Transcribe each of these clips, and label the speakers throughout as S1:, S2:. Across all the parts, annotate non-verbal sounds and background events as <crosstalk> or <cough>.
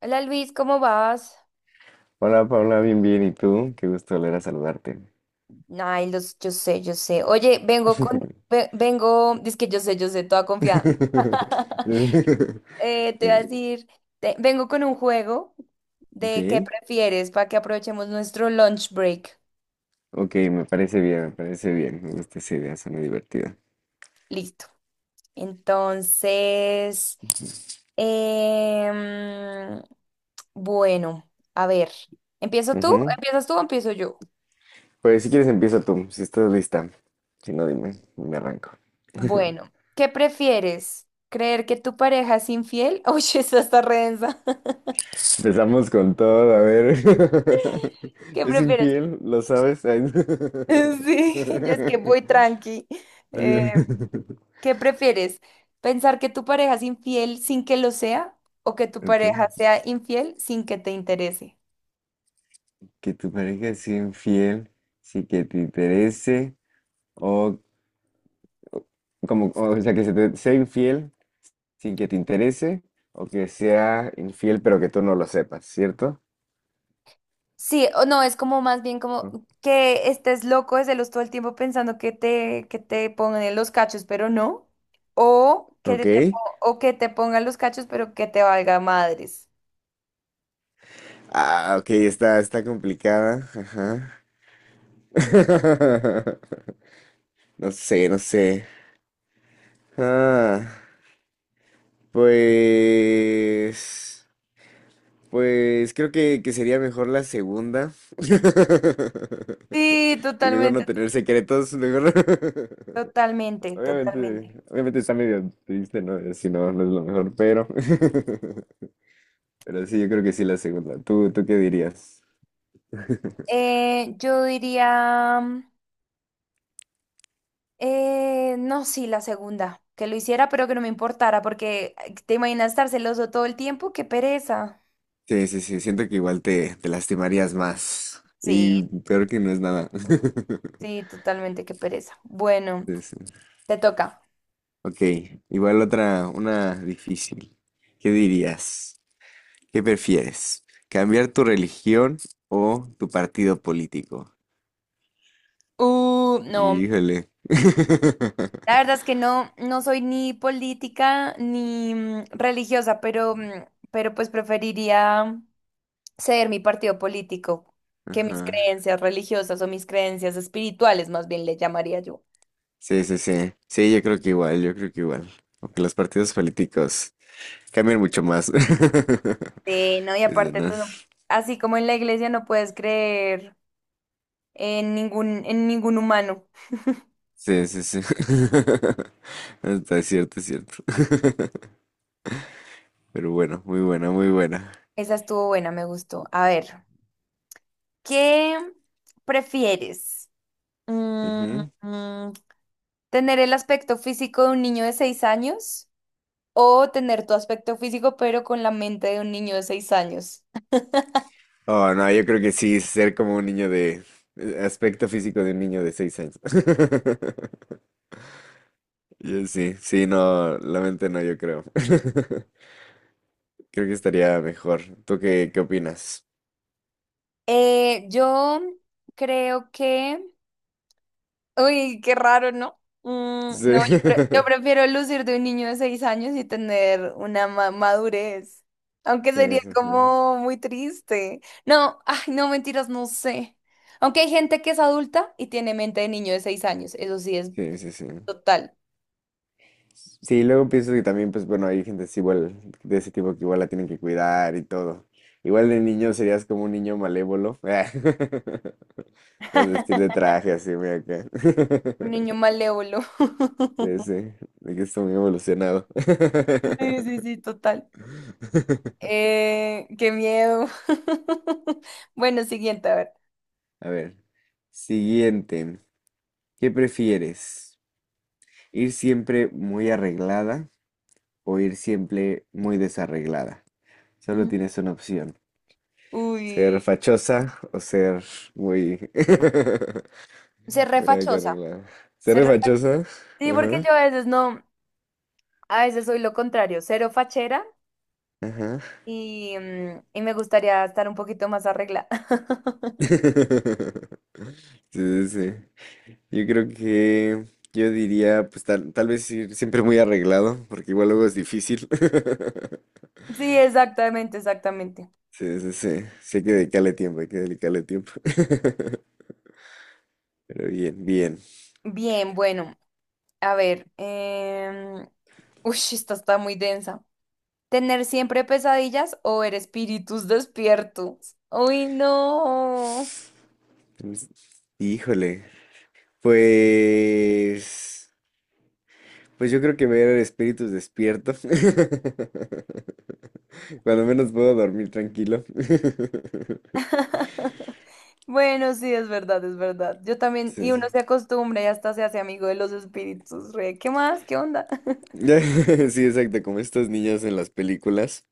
S1: Hola Luis, ¿cómo vas?
S2: Hola Paula, bien, bien. ¿Y tú? Qué gusto volver a saludarte.
S1: Ay, los, yo sé. Oye,
S2: <laughs>
S1: vengo, es que yo sé, toda confiada. <laughs> Te voy a
S2: Dime.
S1: decir, vengo con un juego de qué
S2: Ok,
S1: prefieres para que aprovechemos nuestro lunch break.
S2: ok, me parece bien, me parece bien. Me gusta esa idea, suena divertida.
S1: Listo. Entonces, em, bueno, a ver, ¿empiezo tú?
S2: Ujú.
S1: ¿Empiezas tú o empiezo yo?
S2: Pues si quieres empieza tú, si estás lista. Si no, dime, me arranco. <laughs>
S1: Bueno, ¿qué prefieres? ¿Creer que tu pareja es infiel? <laughs> Uy, esa está re densa.
S2: Empezamos con todo, a ver. <laughs>
S1: ¿Qué
S2: Es
S1: prefieres? <laughs>
S2: infiel, ¿lo sabes? Ay, no. <laughs> Está
S1: Sí, yo es que voy tranqui.
S2: bien.
S1: Eh,
S2: <laughs>
S1: ¿Qué prefieres? ¿Pensar que tu pareja es infiel sin que lo sea o que tu
S2: Ok,
S1: pareja sea infiel sin que te interese?
S2: que tu pareja sea infiel, sí que te interese. O Como, o sea, que se te sea infiel sin que te interese o que sea infiel pero que tú no lo sepas, ¿cierto?
S1: Sí, o no, es como más bien como
S2: Ah.
S1: que estés loco de celos todo el tiempo pensando que te pongan los cachos, pero no. O que te
S2: Ok.
S1: po- o que te pongan los cachos, pero que te valga madres.
S2: Ah, ok, está complicada. Ajá. <laughs> No sé, no sé. Ah, pues, pues creo que sería mejor la segunda. <laughs>
S1: Sí,
S2: Sí, mejor no
S1: totalmente,
S2: tener secretos, mejor. <laughs>
S1: totalmente,
S2: Obviamente,
S1: totalmente.
S2: obviamente está medio triste, ¿no? Si no, no es lo mejor, pero. <laughs> Pero sí, yo creo que sí la segunda. ¿Tú qué dirías?
S1: Yo diría. No, sí, la segunda, que lo hiciera pero que no me importara, porque ay, te imaginas estar celoso todo el tiempo, qué pereza.
S2: Sí, sí, sí, siento que igual te lastimarías más.
S1: Sí,
S2: Y peor que no es nada. <laughs>
S1: sí, totalmente, qué pereza. Bueno,
S2: Sí, sí.
S1: te toca.
S2: Ok, igual otra, una difícil. ¿Qué dirías? ¿Qué prefieres? ¿Cambiar tu religión o tu partido político?
S1: No,
S2: Híjole. <laughs>
S1: la verdad es que no, no soy ni política ni religiosa, pero, pero pues preferiría ser mi partido político que mis
S2: Ajá.
S1: creencias religiosas o mis creencias espirituales, más bien le llamaría yo.
S2: Sí, sí, sí. Sí, yo creo que igual, yo creo que igual. Aunque los partidos políticos cambian mucho más. <laughs>
S1: Sí, no, y
S2: Eso,
S1: aparte
S2: ¿no?
S1: tú no, así como en la iglesia no puedes creer en ningún humano.
S2: Sí, sí, sí. <laughs> Está es cierto, es cierto. <laughs> Pero bueno, muy buena, muy buena.
S1: Esa estuvo buena, me gustó. A ver, ¿qué prefieres? Mm,
S2: Ujú.
S1: mm, ¿Tener el aspecto físico de un niño de seis años o tener tu aspecto físico pero con la mente de un niño de seis años?
S2: Oh, no, yo creo que sí, ser como Aspecto físico de un niño de 6 años. <laughs> Yo sí, sí, no, la mente no, yo creo. <laughs> Creo que estaría mejor. ¿Tú qué opinas?
S1: Yo creo que uy, qué raro, ¿no?
S2: Sí.
S1: No, yo
S2: <laughs>
S1: prefiero lucir de un niño de seis años y tener una madurez. Aunque
S2: Sí,
S1: sería
S2: sí, sí.
S1: como muy triste. No, ay, no, mentiras, no sé. Aunque hay gente que es adulta y tiene mente de niño de seis años. Eso sí es
S2: Sí, sí, sí.
S1: total.
S2: Sí, luego pienso que también, pues bueno, hay gente así igual, de ese tipo que igual la tienen que cuidar y todo. Igual de niño serías como un niño malévolo. <laughs> Las vestir de
S1: <laughs>
S2: traje así, muy acá.
S1: Un niño
S2: <laughs>
S1: malévolo.
S2: Sí, sí,
S1: <laughs>
S2: de que está muy evolucionado.
S1: Sí, sí, sí, total.
S2: <laughs>
S1: Qué miedo. <laughs> Bueno, siguiente, a ver.
S2: A ver, siguiente. ¿Qué prefieres? ¿Ir siempre muy arreglada o ir siempre muy desarreglada? Solo
S1: Ujú.
S2: tienes una opción. Ser
S1: Uy,
S2: fachosa o muy... <laughs>
S1: ser
S2: muy a que
S1: refachosa.
S2: arreglar. Ser re fachosa.
S1: Sí, porque
S2: Ajá.
S1: yo a veces no, a veces soy lo contrario, cero fachera
S2: Ajá.
S1: y, y me gustaría estar un poquito más arreglada. <laughs>
S2: <laughs> Sí, sí, sí. Yo creo que yo diría, pues tal vez ir siempre muy arreglado, porque igual luego es difícil. <laughs>
S1: Sí, exactamente, exactamente.
S2: Sí, sí, sí. Sí hay que dedicarle tiempo, hay que dedicarle tiempo. <laughs> Pero bien, bien.
S1: Bien, bueno, a ver, uy, esta está muy densa. ¿Tener siempre pesadillas o ver espíritus despiertos? Uy, no.
S2: Pues, Híjole. Pues... Pues yo creo que ver el espíritus despierto. <laughs> Cuando menos puedo dormir tranquilo. <laughs>
S1: <laughs> Bueno, sí, es verdad, es verdad. Yo también,
S2: Sí,
S1: y uno
S2: sí,
S1: se acostumbra y hasta se hace amigo de los espíritus, re. ¿Qué más? ¿Qué onda?
S2: <laughs> Sí, exacto, como estos niños en las películas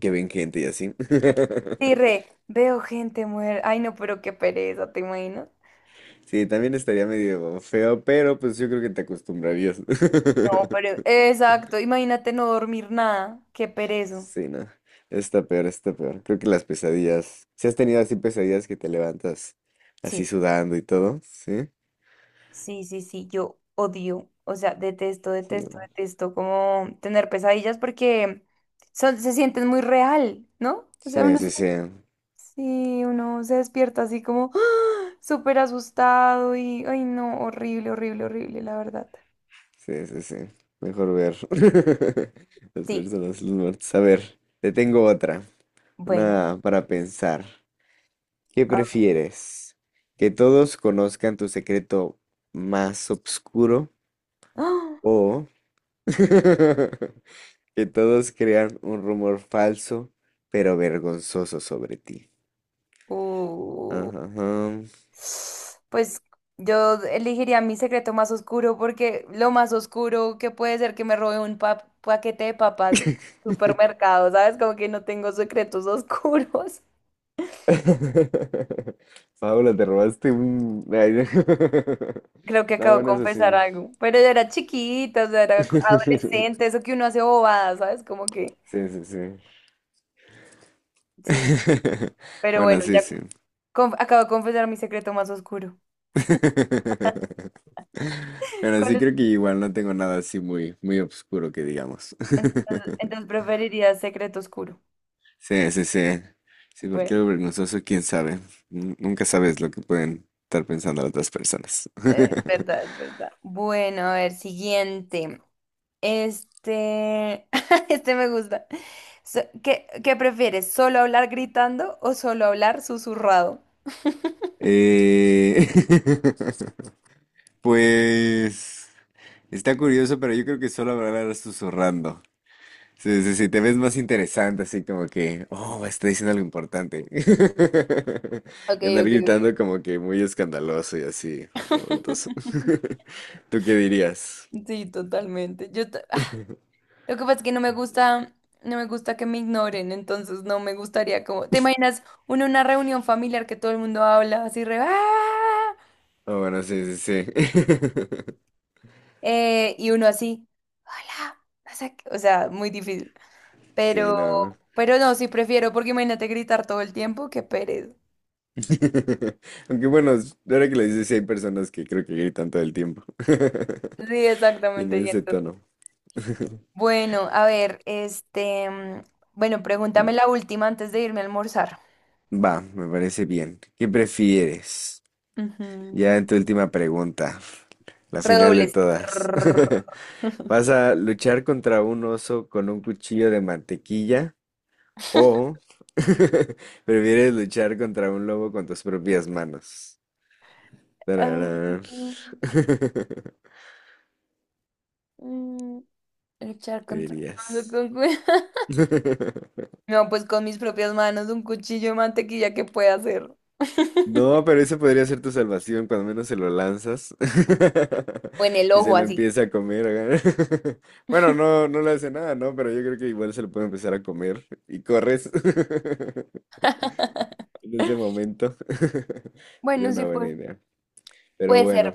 S2: que ven gente y así. <laughs>
S1: Sí, re, veo gente muerta. Ay, no, pero qué pereza, ¿te imaginas?
S2: Sí, también estaría medio feo, pero pues yo creo que te acostumbrarías.
S1: No,
S2: <laughs>
S1: pero exacto, imagínate no dormir nada, qué perezo.
S2: Sí, no. Está peor, está peor. Creo que las pesadillas. Si has tenido así pesadillas que te levantas así
S1: Sí,
S2: sudando y todo, ¿sí?
S1: sí, yo odio, o sea,
S2: Sí, bueno.
S1: detesto como tener pesadillas porque son, se sienten muy real, ¿no? O sea,
S2: Sí,
S1: uno se,
S2: sí, sí.
S1: sí, uno se despierta así como ¡ah! Súper asustado y, ay, no, horrible, la verdad.
S2: Sí, sí, sí. Mejor ver <laughs> las
S1: Sí,
S2: personas, los muertos. A ver, te tengo otra.
S1: bueno.
S2: Una para pensar. ¿Qué
S1: Ah,
S2: prefieres? ¿Que todos conozcan tu secreto más oscuro
S1: ¡ah!
S2: o <laughs> que todos crean un rumor falso pero vergonzoso sobre ti?
S1: Uh.
S2: Ajá.
S1: Pues yo elegiría mi secreto más oscuro porque lo más oscuro que puede ser que me robe un paquete de papas
S2: Ajá.
S1: supermercado, ¿sabes? Como que no tengo secretos oscuros.
S2: <laughs> Paula, te robaste un— Ay, no. <laughs>
S1: <laughs> Creo que
S2: No,
S1: acabo de
S2: bueno, eso
S1: confesar algo. Pero yo era chiquita, o sea, era
S2: sí. <laughs>
S1: adolescente, eso que uno hace bobadas, ¿sabes? Como que
S2: Sí, sí, sí.
S1: sí.
S2: <laughs>
S1: Pero
S2: Bueno,
S1: bueno,
S2: sí,
S1: ya
S2: sí.
S1: acabo de confesar mi secreto más oscuro.
S2: <laughs>
S1: <laughs>
S2: Bueno,
S1: ¿Cuál
S2: sí
S1: es?
S2: creo que igual no tengo nada así muy, muy oscuro que digamos.
S1: Entonces
S2: <laughs>
S1: preferiría secreto oscuro.
S2: Sí, sí, sí. Sí, porque
S1: Bueno.
S2: lo vergonzoso, quién sabe. Nunca sabes lo que pueden estar pensando las otras personas. <laughs>
S1: Verdad, es verdad. Bueno, a ver, siguiente. Este, <laughs> este me gusta. ¿Qué, qué prefieres? ¿Solo hablar gritando o solo hablar susurrado?
S2: Eh, <laughs> Pues está curioso, pero yo creo que solo hablarás susurrando. Sí, sí, sí, te ves más interesante, así como que, oh, está diciendo algo importante. <laughs>
S1: Ok,
S2: Y andar
S1: ok, ok.
S2: gritando como que muy escandaloso y así, revoltoso.
S1: <laughs>
S2: <laughs> ¿Tú qué dirías?
S1: Sí, totalmente. Ah, lo que pasa es que no me gusta, no me gusta que me ignoren, entonces no me gustaría como. ¿Te imaginas uno en una reunión familiar que todo el mundo habla así re "ah",
S2: Oh, bueno, sí, sí, sí. <laughs>
S1: y uno así, hola, no sé qué, o sea, muy difícil.
S2: Sí,
S1: Pero,
S2: no.
S1: pero no, sí prefiero, porque imagínate gritar todo el tiempo, qué pereza.
S2: <laughs> Aunque bueno, ahora que lo dices, sí hay personas que creo que gritan todo el tiempo.
S1: Sí,
S2: <laughs>
S1: exactamente.
S2: Tienen
S1: Y
S2: ese
S1: entonces-
S2: tono. <laughs>
S1: Bueno, a ver, este, bueno,
S2: Ujú.
S1: pregúntame la última antes de irme a almorzar.
S2: Va, me parece bien. ¿Qué prefieres?
S1: Ujú.
S2: Ya en tu última pregunta, la final de
S1: Redobles. <laughs>
S2: todas. <laughs>
S1: Trrr.
S2: ¿Vas a luchar contra un oso con un cuchillo de mantequilla o <laughs> prefieres luchar contra un lobo con tus propias manos?
S1: Ah,
S2: Tararán. <laughs>
S1: mm, luchar
S2: ¿Qué
S1: contra <laughs>
S2: dirías?
S1: con cu-
S2: <laughs>
S1: no, pues con mis propias manos, un cuchillo de mantequilla que pueda hacer. <laughs>
S2: No, pero eso podría ser tu salvación cuando menos se lo lanzas <laughs>
S1: O en el
S2: y se
S1: ojo
S2: lo
S1: así.
S2: empieza a comer, acá. <laughs> Bueno, no, no le hace nada, ¿no? Pero yo creo que igual se lo puede empezar a comer y corres <laughs>
S1: <laughs>
S2: en ese momento. <laughs> Sería
S1: Bueno, sí,
S2: una buena
S1: pues.
S2: idea. Pero
S1: Puede ser,
S2: bueno,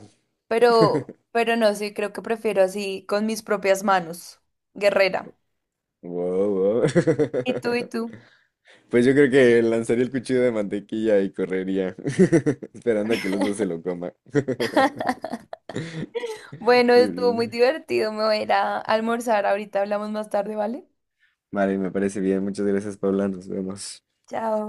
S1: pero no, sí, creo que prefiero así, con mis propias manos, guerrera.
S2: wow, wow. <laughs>
S1: ¿Y tú y tú?
S2: Pues yo creo que lanzaría el cuchillo de mantequilla y correría, <laughs> esperando a que los dos se lo coma. <laughs>
S1: Bueno, estuvo
S2: Mm.
S1: muy divertido, me voy a ir a almorzar, ahorita hablamos más tarde, ¿vale?
S2: Vale, me parece bien. Muchas gracias, Paula. Nos vemos.
S1: Chao.